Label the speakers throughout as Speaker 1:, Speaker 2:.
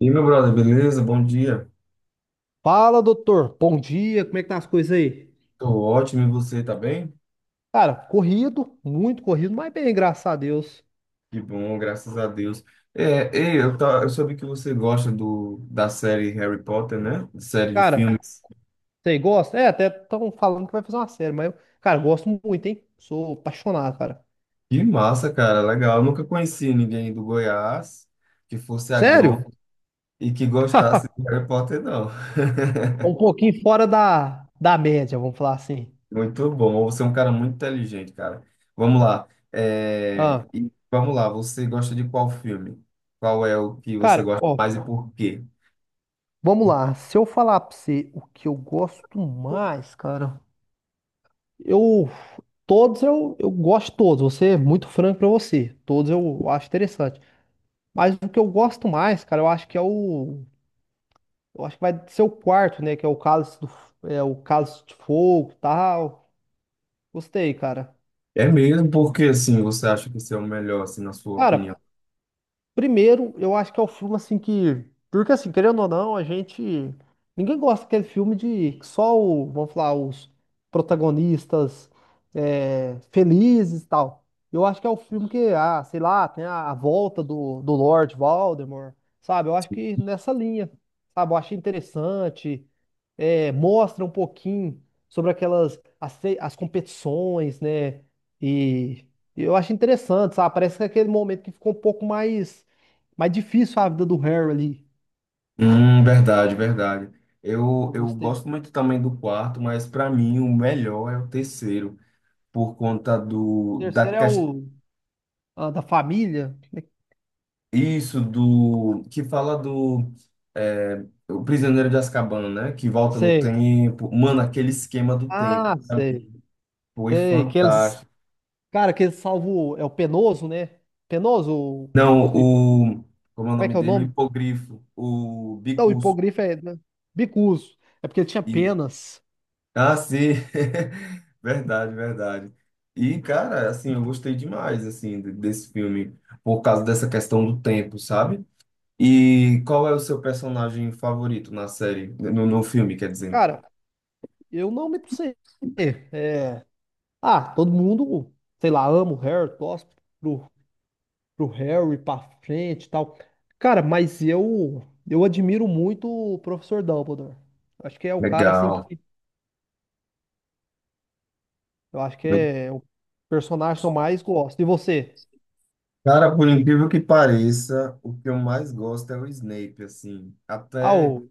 Speaker 1: E meu brother, beleza? Bom dia.
Speaker 2: Fala, doutor. Bom dia, como é que tá as coisas aí?
Speaker 1: Tô ótimo, e você tá bem?
Speaker 2: Cara, corrido, muito corrido, mas bem, graças a Deus.
Speaker 1: Que bom, graças a Deus. Eu soube que você gosta da série Harry Potter, né? Série de
Speaker 2: Cara,
Speaker 1: filmes.
Speaker 2: você gosta? É, até estão falando que vai fazer uma série, mas eu, cara, gosto muito, hein? Sou apaixonado, cara.
Speaker 1: Que massa, cara, legal. Eu nunca conheci ninguém do Goiás que fosse
Speaker 2: Sério?
Speaker 1: agrônomo e que gostasse de Harry Potter, não.
Speaker 2: Um pouquinho fora da média, vamos falar assim.
Speaker 1: Muito bom, você é um cara muito inteligente, cara. Vamos lá. É,
Speaker 2: Ah,
Speaker 1: e vamos lá, você gosta de qual filme? Qual é o que você
Speaker 2: cara,
Speaker 1: gosta
Speaker 2: ó,
Speaker 1: mais e por quê?
Speaker 2: vamos lá. Se eu falar pra você o que eu gosto mais, cara, eu. Todos eu gosto de todos, vou ser muito franco pra você. Todos eu acho interessante. Mas o que eu gosto mais, cara, eu acho que é o. Eu acho que vai ser o quarto, né? Que é o Cálice do, é, o Cálice de Fogo e tal. Gostei, cara.
Speaker 1: É mesmo? Porque assim, você acha que esse é o melhor, assim, na sua opinião.
Speaker 2: Cara, primeiro, eu acho que é o filme assim que. Porque assim, querendo ou não, a gente. Ninguém gosta daquele filme de que só o, vamos falar, os protagonistas é, felizes e tal. Eu acho que é o filme que, ah, sei lá, tem a volta do Lord Voldemort, sabe? Eu acho que nessa linha, sabe? Eu achei interessante, é, mostra um pouquinho sobre aquelas, as competições, né? E eu acho interessante, sabe? Parece que é aquele momento que ficou um pouco mais mas difícil a vida do Harry ali.
Speaker 1: Verdade, verdade. Eu,
Speaker 2: Eu
Speaker 1: eu
Speaker 2: gostei.
Speaker 1: gosto
Speaker 2: O
Speaker 1: muito também do quarto, mas para mim o melhor é o terceiro, por conta
Speaker 2: terceiro é o ah, da família.
Speaker 1: isso do que fala do o prisioneiro de Azkaban, né? Que volta no
Speaker 2: Sei.
Speaker 1: tempo. Mano, aquele esquema do tempo
Speaker 2: Ah,
Speaker 1: pra
Speaker 2: sei.
Speaker 1: mim foi
Speaker 2: Sei. Que eles.
Speaker 1: fantástico.
Speaker 2: Cara, que eles salvam. O- É o Penoso, né? Penoso. O-
Speaker 1: Não,
Speaker 2: hi-
Speaker 1: o como é o
Speaker 2: Como é
Speaker 1: nome
Speaker 2: que é o
Speaker 1: dele? O
Speaker 2: nome?
Speaker 1: hipogrifo, o
Speaker 2: Não, o
Speaker 1: Bicurso.
Speaker 2: hipogrifo é. Né? Bicuso. É porque ele tinha penas.
Speaker 1: Ah, sim. Verdade, verdade. E, cara, assim, eu gostei demais, assim, desse filme, por causa dessa questão do tempo, sabe? E qual é o seu personagem favorito na série, no filme, quer dizer?
Speaker 2: Cara, eu não me sei. É. Ah, todo mundo, sei lá, ama o Harry, torce pro pro Harry pra frente e tal. Cara, eu admiro muito o professor Dumbledore. Acho que é o cara assim
Speaker 1: Legal.
Speaker 2: que eu acho que é o personagem que eu mais gosto. E você?
Speaker 1: Cara, por incrível que pareça, o que eu mais gosto é o Snape, assim.
Speaker 2: Ah,
Speaker 1: Até...
Speaker 2: o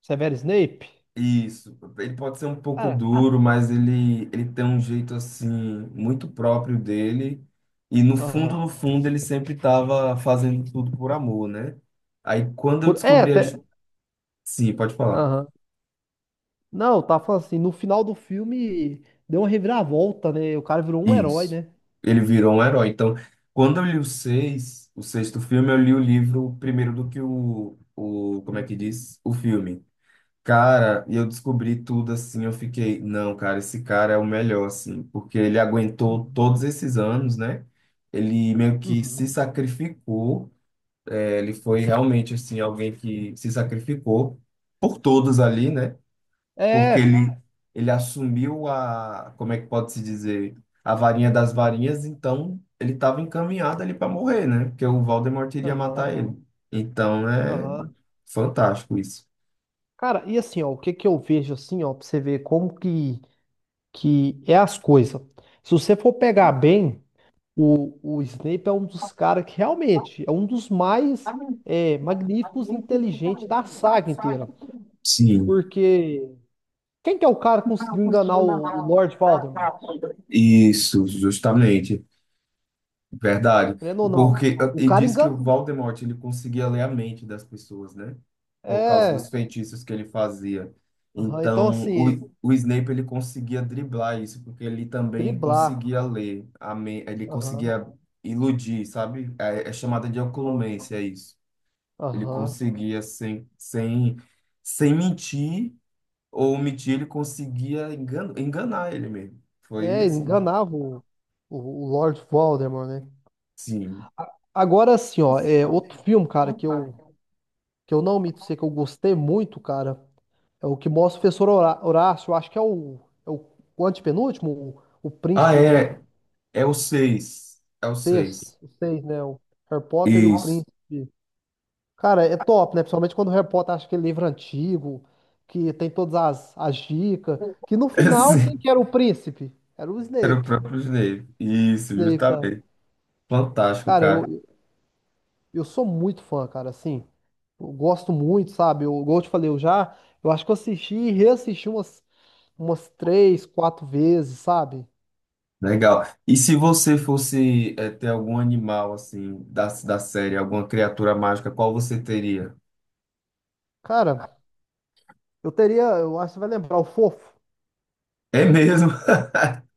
Speaker 2: Severo Snape?
Speaker 1: Isso, ele pode ser um pouco
Speaker 2: Cara,
Speaker 1: duro, mas ele tem um jeito assim muito próprio dele. E no fundo,
Speaker 2: aham.
Speaker 1: no fundo, ele sempre estava fazendo tudo por amor, né? Aí quando eu
Speaker 2: Por, é,
Speaker 1: descobri
Speaker 2: até.
Speaker 1: Sim, pode falar.
Speaker 2: Aham. Não, eu tava falando assim, no final do filme deu uma reviravolta, né? O cara virou um herói,
Speaker 1: Isso.
Speaker 2: né?
Speaker 1: Ele virou um herói. Então, quando eu li o seis, o sexto filme, eu li o livro primeiro do que o como é
Speaker 2: Filme.
Speaker 1: que diz? O filme. Cara, e eu descobri tudo assim, eu fiquei, não, cara, esse cara é o melhor, assim, porque ele aguentou
Speaker 2: Uhum.
Speaker 1: todos esses anos, né? Ele meio que se
Speaker 2: Uhum.
Speaker 1: sacrificou, é, ele foi realmente, assim, alguém que se sacrificou por todos ali, né? Porque
Speaker 2: É.
Speaker 1: ele assumiu a, como é que pode se dizer, a varinha das varinhas, então ele estava encaminhado ali para morrer, né? Porque o Voldemort iria matar
Speaker 2: Aham.
Speaker 1: ele. Então, é
Speaker 2: Aham.
Speaker 1: fantástico isso.
Speaker 2: Cara, e assim, ó, o que que eu vejo assim, ó, pra você ver como que é as coisas. Se você for pegar bem, o Snape é um dos caras que realmente é um dos mais é, magníficos e inteligentes da saga inteira.
Speaker 1: Sim.
Speaker 2: Porque quem que é o cara que conseguiu enganar o Lord Voldemort?
Speaker 1: Isso, justamente, verdade.
Speaker 2: Querendo ou não?
Speaker 1: Porque ah,
Speaker 2: O
Speaker 1: e
Speaker 2: cara
Speaker 1: diz que o
Speaker 2: enganou.
Speaker 1: Voldemort, ele conseguia ler a mente das pessoas, né? Por causa dos
Speaker 2: É.
Speaker 1: feitiços que ele fazia.
Speaker 2: Aham, então,
Speaker 1: Então,
Speaker 2: assim,
Speaker 1: o Snape ele conseguia driblar isso, porque ele também
Speaker 2: driblar.
Speaker 1: conseguia ele
Speaker 2: Aham,
Speaker 1: conseguia iludir, sabe? É, é chamada de
Speaker 2: aham,
Speaker 1: ocultância isso. Ele
Speaker 2: aham.
Speaker 1: conseguia sem mentir ou omitir, ele conseguia enganar ele mesmo. Foi
Speaker 2: É, ele
Speaker 1: assim.
Speaker 2: enganava o Lord Voldemort, né?
Speaker 1: Sim.
Speaker 2: A- Agora, assim, ó, é outro filme, cara, que eu não omito sei que eu gostei muito, cara, é o que mostra o professor Horá- Horácio, eu acho que é o antepenúltimo, o
Speaker 1: Ah,
Speaker 2: príncipe de
Speaker 1: é. É o
Speaker 2: seis,
Speaker 1: seis.
Speaker 2: os seis, né? O Harry Potter e o
Speaker 1: Isso.
Speaker 2: príncipe. Cara, é top, né? Principalmente quando o Harry Potter acha aquele livro antigo, que tem todas as, as dicas, que no
Speaker 1: É
Speaker 2: final, quem
Speaker 1: sim.
Speaker 2: que era o príncipe? Era o
Speaker 1: Era o
Speaker 2: Snape.
Speaker 1: próprio Snape. Isso,
Speaker 2: Snape, cara.
Speaker 1: justamente. Fantástico,
Speaker 2: Cara,
Speaker 1: cara.
Speaker 2: eu sou muito fã, cara, assim, eu gosto muito, sabe? Eu, igual eu te falei, eu já, eu acho que eu assisti e reassisti umas umas três, quatro vezes, sabe?
Speaker 1: Legal. E se você fosse ter algum animal, assim, da série, alguma criatura mágica, qual você teria?
Speaker 2: Cara, eu teria, eu acho que você vai lembrar, o Fofo.
Speaker 1: É mesmo?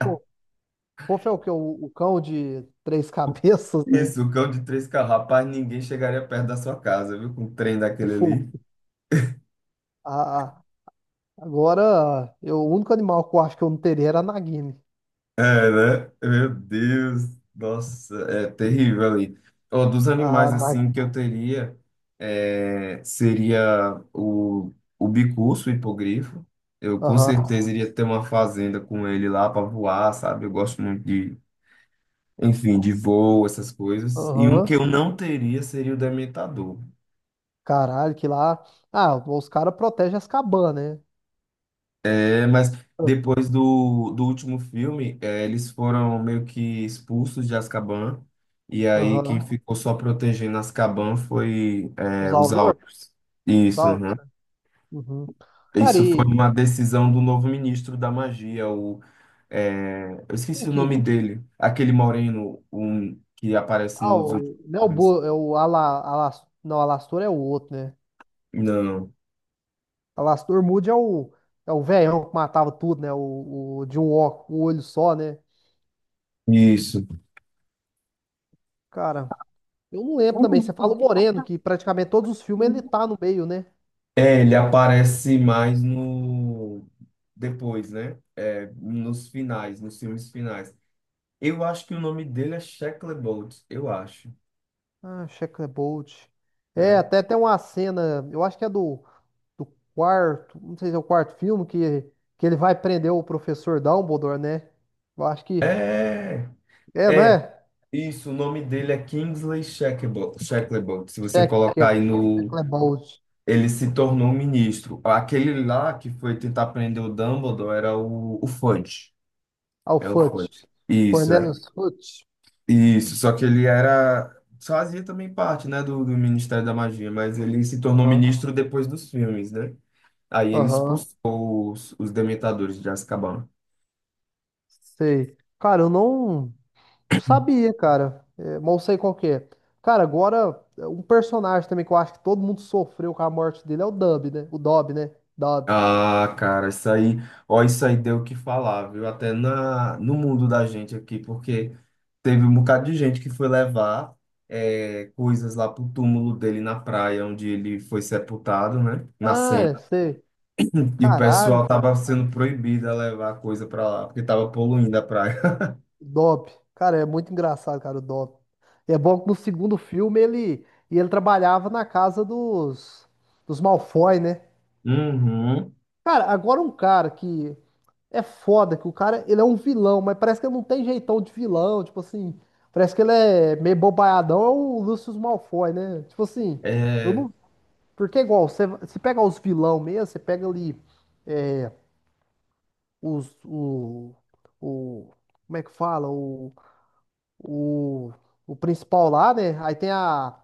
Speaker 2: Pô, Fofo é o que? O cão de três cabeças, né?
Speaker 1: Isso, o cão de três carros. Rapaz, ninguém chegaria perto da sua casa, viu? Com o trem
Speaker 2: O
Speaker 1: daquele
Speaker 2: Fofo.
Speaker 1: ali.
Speaker 2: Ah, agora, eu, o único animal que eu acho que eu não teria era a Nagini.
Speaker 1: É, né? Meu Deus, nossa, é terrível ali. Ó, dos
Speaker 2: Ah,
Speaker 1: animais
Speaker 2: na,
Speaker 1: assim que eu teria seria o bicurso, o hipogrifo. Eu com
Speaker 2: aham,
Speaker 1: certeza iria ter uma fazenda com ele lá para voar, sabe? Eu gosto muito de, enfim, de voo, essas coisas. E um que
Speaker 2: aham.
Speaker 1: eu não teria seria o dementador.
Speaker 2: Caralho, que lá. Ah, os caras protegem as cabanas, né?
Speaker 1: É, mas depois do último filme, é, eles foram meio que expulsos de Azkaban. E aí quem
Speaker 2: Aham.
Speaker 1: ficou só protegendo Azkaban foi é,
Speaker 2: Os
Speaker 1: os
Speaker 2: Auror?
Speaker 1: Aurus. Isso,
Speaker 2: Sal.
Speaker 1: uhum.
Speaker 2: Uhum. Cara,
Speaker 1: Isso foi
Speaker 2: e
Speaker 1: uma decisão do novo ministro da magia, o, é, eu
Speaker 2: quem
Speaker 1: esqueci o
Speaker 2: que.
Speaker 1: nome dele, aquele moreno um, que aparece
Speaker 2: Ah,
Speaker 1: nos
Speaker 2: o,
Speaker 1: últimos
Speaker 2: não é o,
Speaker 1: filmes.
Speaker 2: Bo, é o Ala, Alas, não, Alastor é o outro, né?
Speaker 1: Não,
Speaker 2: Alastor Moody é o é o velhão que matava tudo, né? O de um ó- um olho só, né?
Speaker 1: isso.
Speaker 2: Cara, eu não lembro também. Você fala o Moreno, que praticamente todos os filmes ele tá no meio, né?
Speaker 1: É, ele aparece mais no depois, né? É, nos finais, nos filmes finais. Eu acho que o nome dele é Shackley Bolt, eu acho,
Speaker 2: Ah, Checkerbolt. É,
Speaker 1: né?
Speaker 2: até tem uma cena, eu acho que é do quarto, não sei se é o quarto filme, que ele vai prender o professor Dumbledore, né? Eu acho que.
Speaker 1: É,
Speaker 2: É, não é?
Speaker 1: isso, o nome dele é Kingsley Shacklebolt, Shacklebolt. Se você colocar
Speaker 2: Checker-
Speaker 1: aí no...
Speaker 2: Checkerbolt.
Speaker 1: Ele se tornou um ministro. Aquele lá que foi tentar prender o Dumbledore era o Fudge.
Speaker 2: Ah, o
Speaker 1: É o
Speaker 2: Fudge.
Speaker 1: Fudge. Isso, é.
Speaker 2: Cornelius Fudge.
Speaker 1: Isso, só que ele era... Fazia também parte, né, do Ministério da Magia, mas ele se tornou
Speaker 2: Aham,
Speaker 1: ministro depois dos filmes, né? Aí ele
Speaker 2: aham.
Speaker 1: expulsou os dementadores de Azkaban.
Speaker 2: Sei. Cara, eu não. Não sabia, cara. É, mas eu sei qual que é. Cara, agora, é, um personagem também que eu acho que todo mundo sofreu com a morte dele é o Dub, né? O Dob, né? Dob.
Speaker 1: Ah, cara, isso aí, ó, isso aí deu o que falar, viu? Até na, no mundo da gente aqui, porque teve um bocado de gente que foi levar é, coisas lá pro túmulo dele na praia, onde ele foi sepultado, né? Na
Speaker 2: Ah,
Speaker 1: Sena.
Speaker 2: é, sei.
Speaker 1: E o
Speaker 2: Caralho,
Speaker 1: pessoal
Speaker 2: cara.
Speaker 1: tava sendo proibido a levar coisa pra lá, porque tava poluindo a praia.
Speaker 2: Dob. Cara, é muito engraçado, cara, o Dob. É bom que no segundo filme ele, e ele trabalhava na casa dos Malfoy, né?
Speaker 1: Uhum.
Speaker 2: Cara, agora um cara que é foda, que o cara, ele é um vilão, mas parece que ele não tem jeitão de vilão, tipo assim, parece que ele é meio bobaiadão, é o Lucius Malfoy, né? Tipo assim, eu
Speaker 1: É,
Speaker 2: não, porque é igual, você pega os vilão mesmo, você pega ali os, o, como é que fala? O, o principal lá, né? Aí tem a,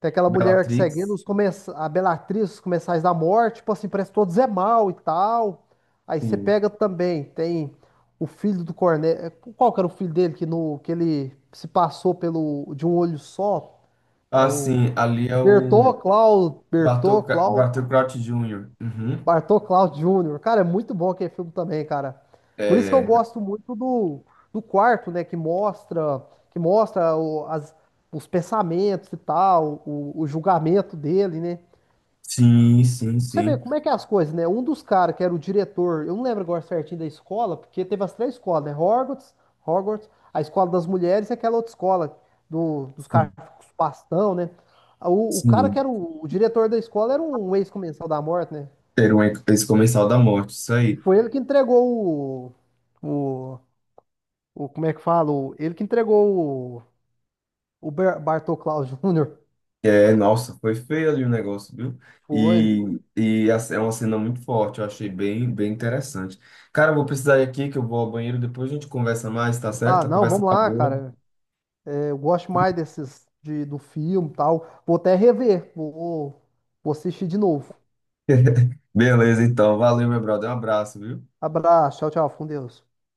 Speaker 2: tem aquela mulher que seguindo
Speaker 1: Bellatrix,
Speaker 2: os começa a Bellatrix, os comensais da morte, tipo assim, parece que todos é mal e tal. Aí você
Speaker 1: sim.
Speaker 2: pega também, tem o filho do Cornélio. Qual que era o filho dele que, no, que ele se passou pelo de um olho só? É
Speaker 1: Ah,
Speaker 2: o
Speaker 1: sim, ali é o
Speaker 2: Bertô Cláudio, Bertô
Speaker 1: Bartol,
Speaker 2: Cláudio,
Speaker 1: Bartol Crouch Jr. Uhum.
Speaker 2: Bartô Cláudio Júnior. Cara, é muito bom aquele filme também, cara. Por isso que eu
Speaker 1: É,
Speaker 2: gosto muito do quarto, né? Que mostra o- as, os pensamentos e tal, o julgamento dele, né?
Speaker 1: sim, sim,
Speaker 2: Você vê
Speaker 1: sim.
Speaker 2: como é que é as coisas, né? Um dos caras que era o diretor, eu não lembro agora certinho da escola, porque teve as três escolas, né? Hogwarts, a escola das mulheres e aquela outra escola do- dos caras com os bastão, né? O cara que
Speaker 1: Sim,
Speaker 2: era o diretor da escola era um ex-comensal da morte, né?
Speaker 1: ter um, esse comensal da morte, isso
Speaker 2: E
Speaker 1: aí.
Speaker 2: foi ele que entregou o, o, o- como é que fala? O- ele que entregou o Ber- Bartô Klaus Jr.
Speaker 1: É, nossa, foi feio ali o negócio, viu?
Speaker 2: Foi.
Speaker 1: E, é uma cena muito forte, eu achei bem, bem interessante. Cara, eu vou precisar ir aqui, que eu vou ao banheiro, depois a gente conversa mais, tá
Speaker 2: Ah,
Speaker 1: certo? A
Speaker 2: não,
Speaker 1: conversa
Speaker 2: vamos
Speaker 1: tá
Speaker 2: lá,
Speaker 1: boa.
Speaker 2: cara. Eu gosto mais desses de, do filme e tal. Vou até rever. Vou, vou assistir de novo.
Speaker 1: Beleza, então, valeu, meu brother, um abraço, viu?
Speaker 2: Abraço. Tchau, tchau. Fica Com Deus.